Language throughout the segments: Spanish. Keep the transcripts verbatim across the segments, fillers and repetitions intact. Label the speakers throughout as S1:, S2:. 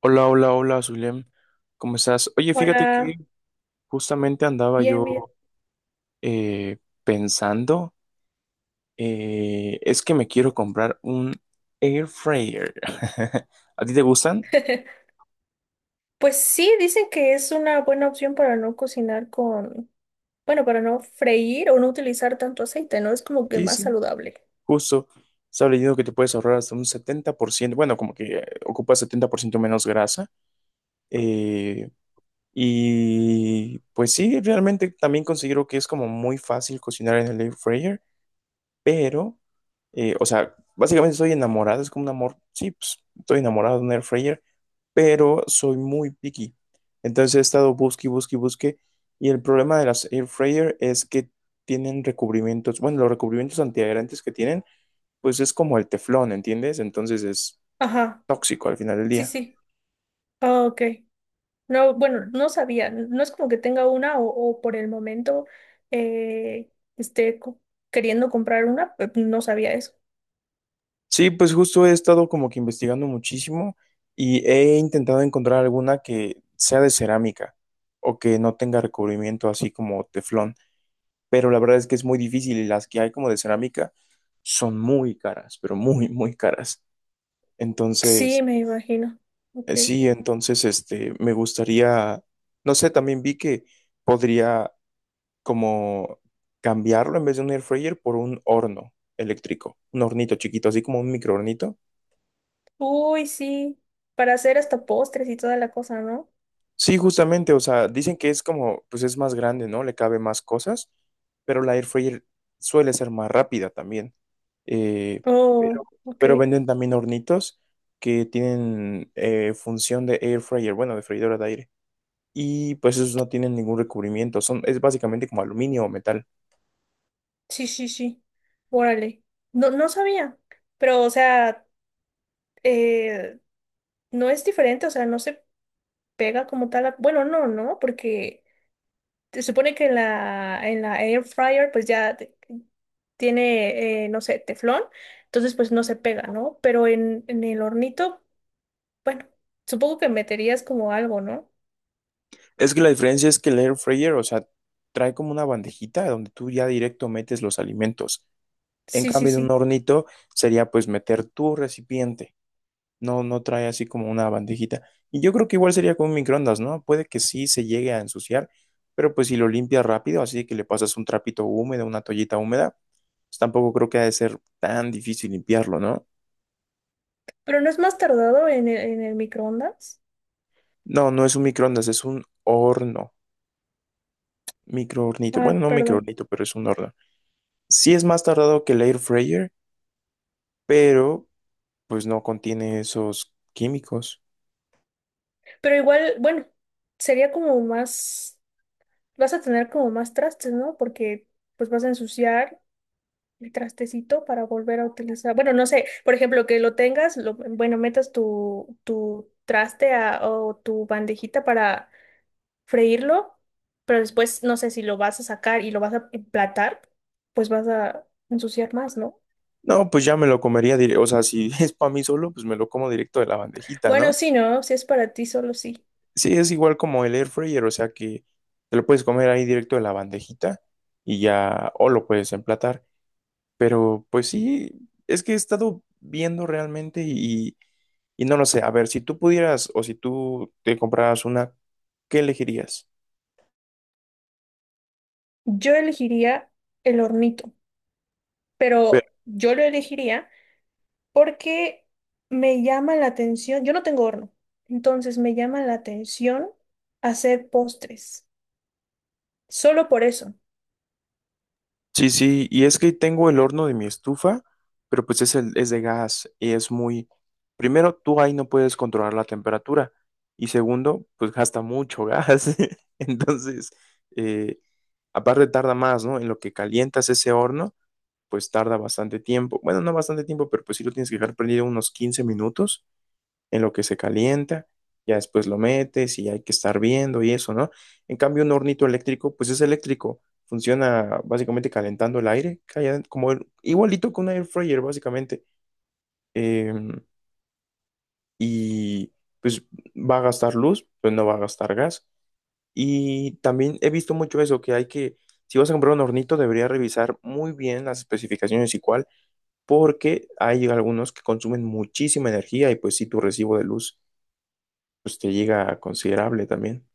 S1: Hola, hola, hola, Zulem. ¿Cómo estás? Oye, fíjate que
S2: Hola,
S1: justamente andaba
S2: bien, bien.
S1: yo eh, pensando, eh, es que me quiero comprar un air fryer. ¿A ti te gustan?
S2: Pues sí, dicen que es una buena opción para no cocinar con, bueno, para no freír o no utilizar tanto aceite, ¿no? Es como que
S1: Sí,
S2: más
S1: sí,
S2: saludable.
S1: justo. Estaba leyendo que te puedes ahorrar hasta un setenta por ciento. Bueno, como que eh, ocupa setenta por ciento menos grasa. eh, y pues sí, realmente también considero que es como muy fácil cocinar en el air fryer. pero, eh, o sea, básicamente estoy enamorado, es como un amor, sí, pues estoy enamorado de un air fryer, pero soy muy picky. Entonces he estado busque, y busque, y busque, y el problema de las air fryer es que tienen recubrimientos, bueno, los recubrimientos antiadherentes que tienen, pues es como el teflón, ¿entiendes? Entonces es
S2: Ajá,
S1: tóxico al final del
S2: sí,
S1: día.
S2: sí. Ah, ok. No, bueno, no sabía. No es como que tenga una o, o por el momento eh, esté co- queriendo comprar una, pe- no sabía eso.
S1: Sí, pues justo he estado como que investigando muchísimo y he intentado encontrar alguna que sea de cerámica o que no tenga recubrimiento así como teflón. Pero la verdad es que es muy difícil y las que hay como de cerámica son muy caras, pero muy, muy caras.
S2: Sí,
S1: Entonces,
S2: me imagino. Ok.
S1: eh, sí, entonces, este, me gustaría, no sé, también vi que podría como cambiarlo en vez de un air fryer por un horno eléctrico, un hornito chiquito, así como un microhornito.
S2: Uy, sí. Para hacer hasta postres y toda la cosa, ¿no?
S1: Sí, justamente, o sea, dicen que es como, pues es más grande, ¿no? Le cabe más cosas, pero la air fryer suele ser más rápida también. Eh,
S2: Oh,
S1: pero,
S2: ok.
S1: pero venden también hornitos que tienen eh, función de air fryer, bueno, de freidora de aire. Y pues esos no tienen ningún recubrimiento, son, es básicamente como aluminio o metal.
S2: Sí, sí, sí. Órale. No, no sabía. Pero, o sea, eh, no es diferente, o sea, no se pega como tal. a- Bueno, no, no, porque se supone que en la, en la air fryer, pues ya te- tiene, eh, no sé, teflón, entonces pues no se pega, ¿no? Pero en, en el hornito, bueno, supongo que meterías como algo, ¿no?
S1: Es que la diferencia es que el air fryer, o sea, trae como una bandejita donde tú ya directo metes los alimentos. En
S2: Sí, sí,
S1: cambio, en un
S2: sí.
S1: hornito sería pues meter tu recipiente. No, no trae así como una bandejita. Y yo creo que igual sería con un microondas, ¿no? Puede que sí se llegue a ensuciar, pero pues si lo limpias rápido, así que le pasas un trapito húmedo, una toallita húmeda, pues tampoco creo que ha de ser tan difícil limpiarlo, ¿no?
S2: Pero no es más tardado en el, en el microondas.
S1: No, no es un microondas, es un horno, microhornito. Bueno,
S2: Ah,
S1: no
S2: perdón.
S1: microhornito, pero es un horno. Sí es más tardado que el air fryer, pero pues no contiene esos químicos.
S2: Pero igual, bueno, sería como más. Vas a tener como más trastes, ¿no? Porque pues vas a ensuciar el trastecito para volver a utilizar. Bueno, no sé, por ejemplo, que lo tengas, lo, bueno, metas tu, tu traste a- o tu bandejita para freírlo, pero después no sé si lo vas a sacar y lo vas a emplatar, pues vas a ensuciar más, ¿no?
S1: No, pues ya me lo comería directo, o sea, si es para mí solo, pues me lo como directo de la bandejita,
S2: Bueno,
S1: ¿no?
S2: sí, ¿no? Si es para ti, solo sí.
S1: Sí, es igual como el air fryer, o sea que te lo puedes comer ahí directo de la bandejita y ya, o lo puedes emplatar. Pero pues sí, es que he estado viendo realmente y, y no lo sé. A ver, si tú pudieras o si tú te compraras una, ¿qué elegirías?
S2: Yo elegiría el hornito, pero yo lo elegiría. Porque me llama la atención, yo no tengo horno, entonces me llama la atención hacer postres, solo por eso.
S1: Sí, sí, y es que tengo el horno de mi estufa, pero pues es, el, es de gas y es muy... Primero, tú ahí no puedes controlar la temperatura y segundo, pues gasta mucho gas. Entonces, eh, aparte tarda más, ¿no? En lo que calientas ese horno, pues tarda bastante tiempo. Bueno, no bastante tiempo, pero pues sí lo tienes que dejar prendido unos quince minutos en lo que se calienta, ya después lo metes y hay que estar viendo y eso, ¿no? En cambio, un hornito eléctrico, pues es eléctrico, funciona básicamente calentando el aire, calla- como el- igualito que un air fryer, básicamente. Eh, y pues va a gastar luz, pues no va a gastar gas. Y también he visto mucho eso, que hay que, si vas a comprar un hornito, debería revisar muy bien las especificaciones y cuál, porque hay algunos que consumen muchísima energía y pues sí, tu recibo de luz pues te llega a considerable también.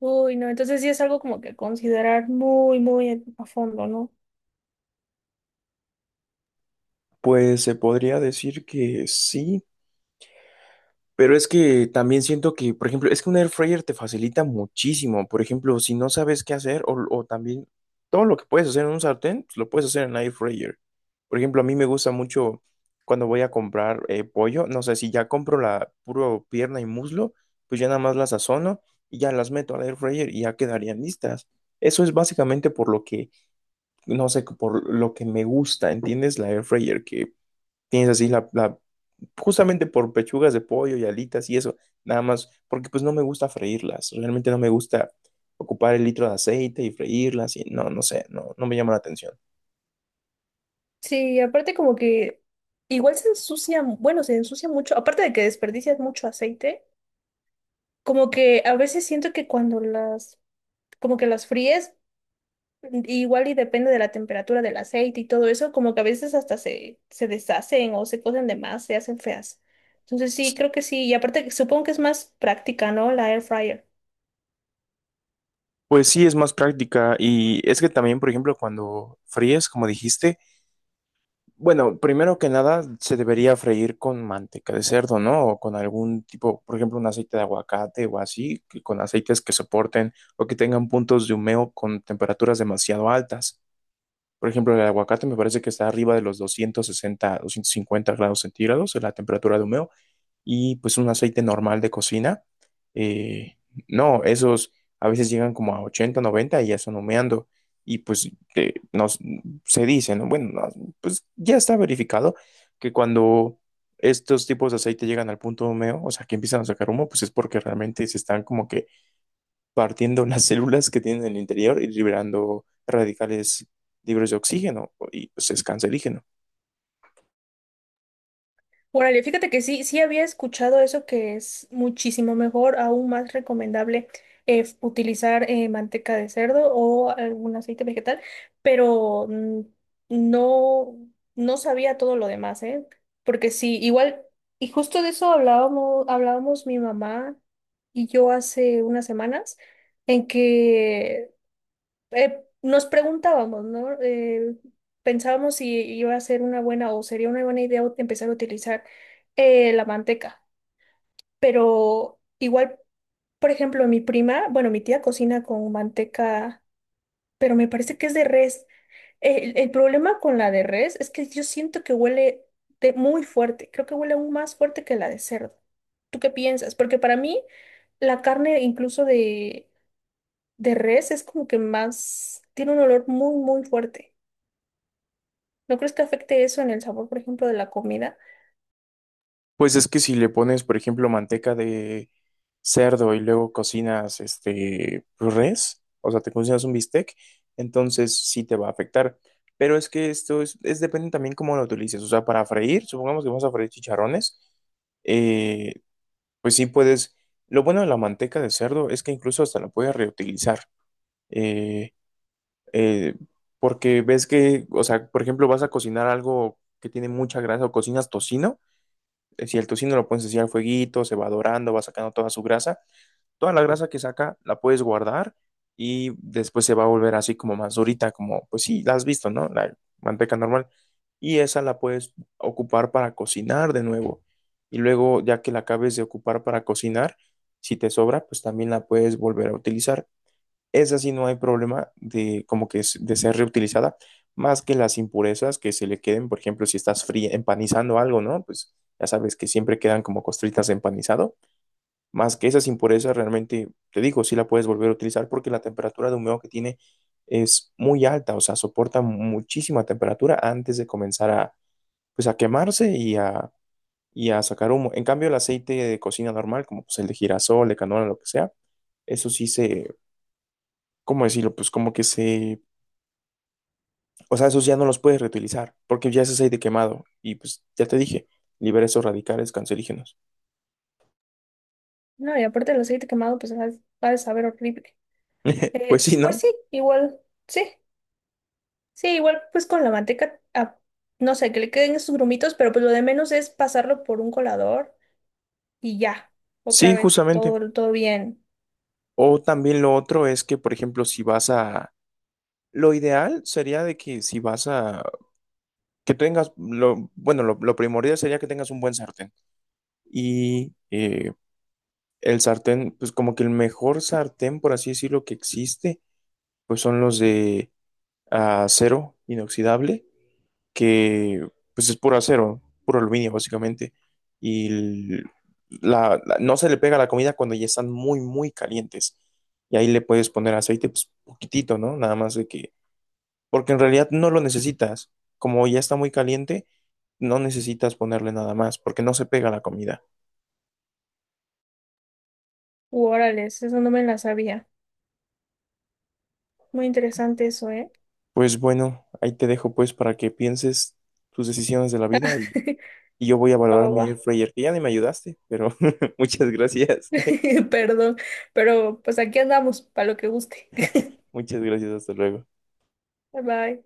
S2: Uy, no, entonces sí es algo como que considerar muy, muy a fondo, ¿no?
S1: Pues se podría decir que sí, pero es que también siento que, por ejemplo, es que un air fryer te facilita muchísimo. Por ejemplo, si no sabes qué hacer o, o también todo lo que puedes hacer en un sartén, pues, lo puedes hacer en air fryer. Por ejemplo, a mí me gusta mucho cuando voy a comprar eh, pollo, no sé, si ya compro la puro pierna y muslo, pues ya nada más las sazono y ya las meto al air fryer y ya quedarían listas. Eso es básicamente por lo que no sé, por lo que me gusta, ¿entiendes? La air fryer que tienes así la, la- justamente por pechugas de pollo y alitas y eso, nada más, porque pues no me gusta freírlas, realmente no me gusta ocupar el litro de aceite y freírlas y no, no sé, no, no me llama la atención.
S2: Sí, aparte como que igual se ensucia, bueno, se ensucia mucho, aparte de que desperdicias mucho aceite, como que a veces siento que cuando las, como que las fríes, igual y depende de la temperatura del aceite y todo eso, como que a veces hasta se, se deshacen o se cocen de más, se hacen feas. Entonces sí, creo que sí. Y aparte, supongo que es más práctica, ¿no? La air fryer.
S1: Pues sí, es más práctica y es que también, por ejemplo, cuando fríes, como dijiste, bueno, primero que nada, se debería freír con manteca de cerdo, ¿no? O con algún tipo, por ejemplo, un aceite de aguacate o así, que- con aceites que soporten o que tengan puntos de humeo con temperaturas demasiado altas. Por ejemplo, el aguacate me parece que está arriba de los doscientos sesenta, doscientos cincuenta grados centígrados en la temperatura de humeo y pues un aceite normal de cocina. Eh, no, esos a veces llegan como a ochenta noventa y ya están humeando. Y pues eh, nos, se dice, ¿no? Bueno, no, pues ya está verificado que cuando estos tipos de aceite llegan al punto de humeo, o sea, que empiezan a sacar humo, pues es porque realmente se están como que partiendo las células que tienen en el interior y liberando radicales libres de oxígeno y pues es cancerígeno.
S2: Órale, fíjate que sí, sí había escuchado eso que es muchísimo mejor, aún más recomendable eh, f- utilizar eh, manteca de cerdo o algún aceite vegetal, pero mm, no, no sabía todo lo demás, ¿eh? Porque sí, igual, y justo de eso hablábamos, hablábamos mi mamá y yo hace unas semanas, en que eh, nos preguntábamos, ¿no? Eh, pensábamos si iba a ser una buena o sería una buena idea empezar a utilizar eh, la manteca, pero igual, por ejemplo, mi prima, bueno, mi tía cocina con manteca, pero me parece que es de res. El, el problema con la de res es que yo siento que huele de muy fuerte, creo que huele aún más fuerte que la de cerdo. ¿Tú qué piensas? Porque para mí la carne incluso de, de res es como que más, tiene un olor muy, muy fuerte. ¿No crees que afecte eso en el sabor, por ejemplo, de la comida?
S1: Pues es que si le pones, por ejemplo, manteca de cerdo y luego cocinas este pues, res, o sea, te cocinas un bistec, entonces sí te va a afectar. Pero es que esto es, es depende también cómo lo utilices. O sea, para freír, supongamos que vamos a freír chicharrones, eh, pues sí puedes. Lo bueno de la manteca de cerdo es que incluso hasta la puedes reutilizar. eh, eh, Porque ves que, o sea, por ejemplo, vas a cocinar algo que tiene mucha grasa o cocinas tocino. Eh, Si el tocino lo puedes hacer al fueguito, se va dorando, va sacando toda su grasa. Toda la grasa que saca la puedes guardar y después se va a volver así como más durita, como pues sí, la has visto, ¿no? La manteca normal. Y esa la puedes ocupar para cocinar de nuevo. Y luego, ya que la acabes de ocupar para cocinar, si te sobra, pues también la puedes volver a utilizar. Esa sí no hay problema de como que es- de ser reutilizada, más que las impurezas que se le queden, por ejemplo, si estás fría, empanizando algo, ¿no? Pues ya sabes que siempre quedan como costritas de empanizado, más que esas impurezas realmente, te digo, sí la puedes volver a utilizar porque la temperatura de humeo que tiene es muy alta, o sea, soporta muchísima temperatura antes de comenzar a, pues a quemarse y a, y a sacar humo. En cambio, el aceite de cocina normal, como pues el de girasol, de canola, lo que sea, eso sí se, ¿cómo decirlo? Pues como que se... O sea, esos ya no los puedes reutilizar, porque ya es aceite quemado. Y pues ya te dije, libera esos radicales cancerígenos.
S2: No, y aparte el aceite quemado, pues ha ha de saber horrible.
S1: Pues sí,
S2: Es- pues
S1: ¿no?
S2: sí, igual, sí, sí, igual pues con la manteca, ah, no sé, que le queden esos grumitos, pero pues lo de menos es pasarlo por un colador y ya, otra
S1: Sí,
S2: vez,
S1: justamente.
S2: todo, todo bien.
S1: O también lo otro es que, por ejemplo, si vas a... Lo ideal sería de que si vas a... Que tengas... Lo... Bueno, lo, lo primordial sería que tengas un buen sartén. Y eh, el sartén, pues como que el mejor sartén, por así decirlo, que existe, pues son los de acero inoxidable que pues es puro acero, puro aluminio básicamente, y l- la, la- no se le pega la comida cuando ya están muy, muy calientes. Y ahí le puedes poner aceite, pues poquitito, ¿no? Nada más de que, porque en realidad no lo necesitas. Como ya está muy caliente, no necesitas ponerle nada más, porque no se pega la comida.
S2: Uh, órales, eso no me la sabía. Muy interesante eso, ¿eh?
S1: Pues bueno, ahí te dejo pues para que pienses tus decisiones de la vida y, y yo voy a
S2: Va,
S1: valorar
S2: va,
S1: mi air
S2: va.
S1: fryer, que ya ni me ayudaste, pero muchas gracias.
S2: Perdón, pero pues aquí andamos, para lo que guste.
S1: Muchas gracias, hasta luego.
S2: Bye bye.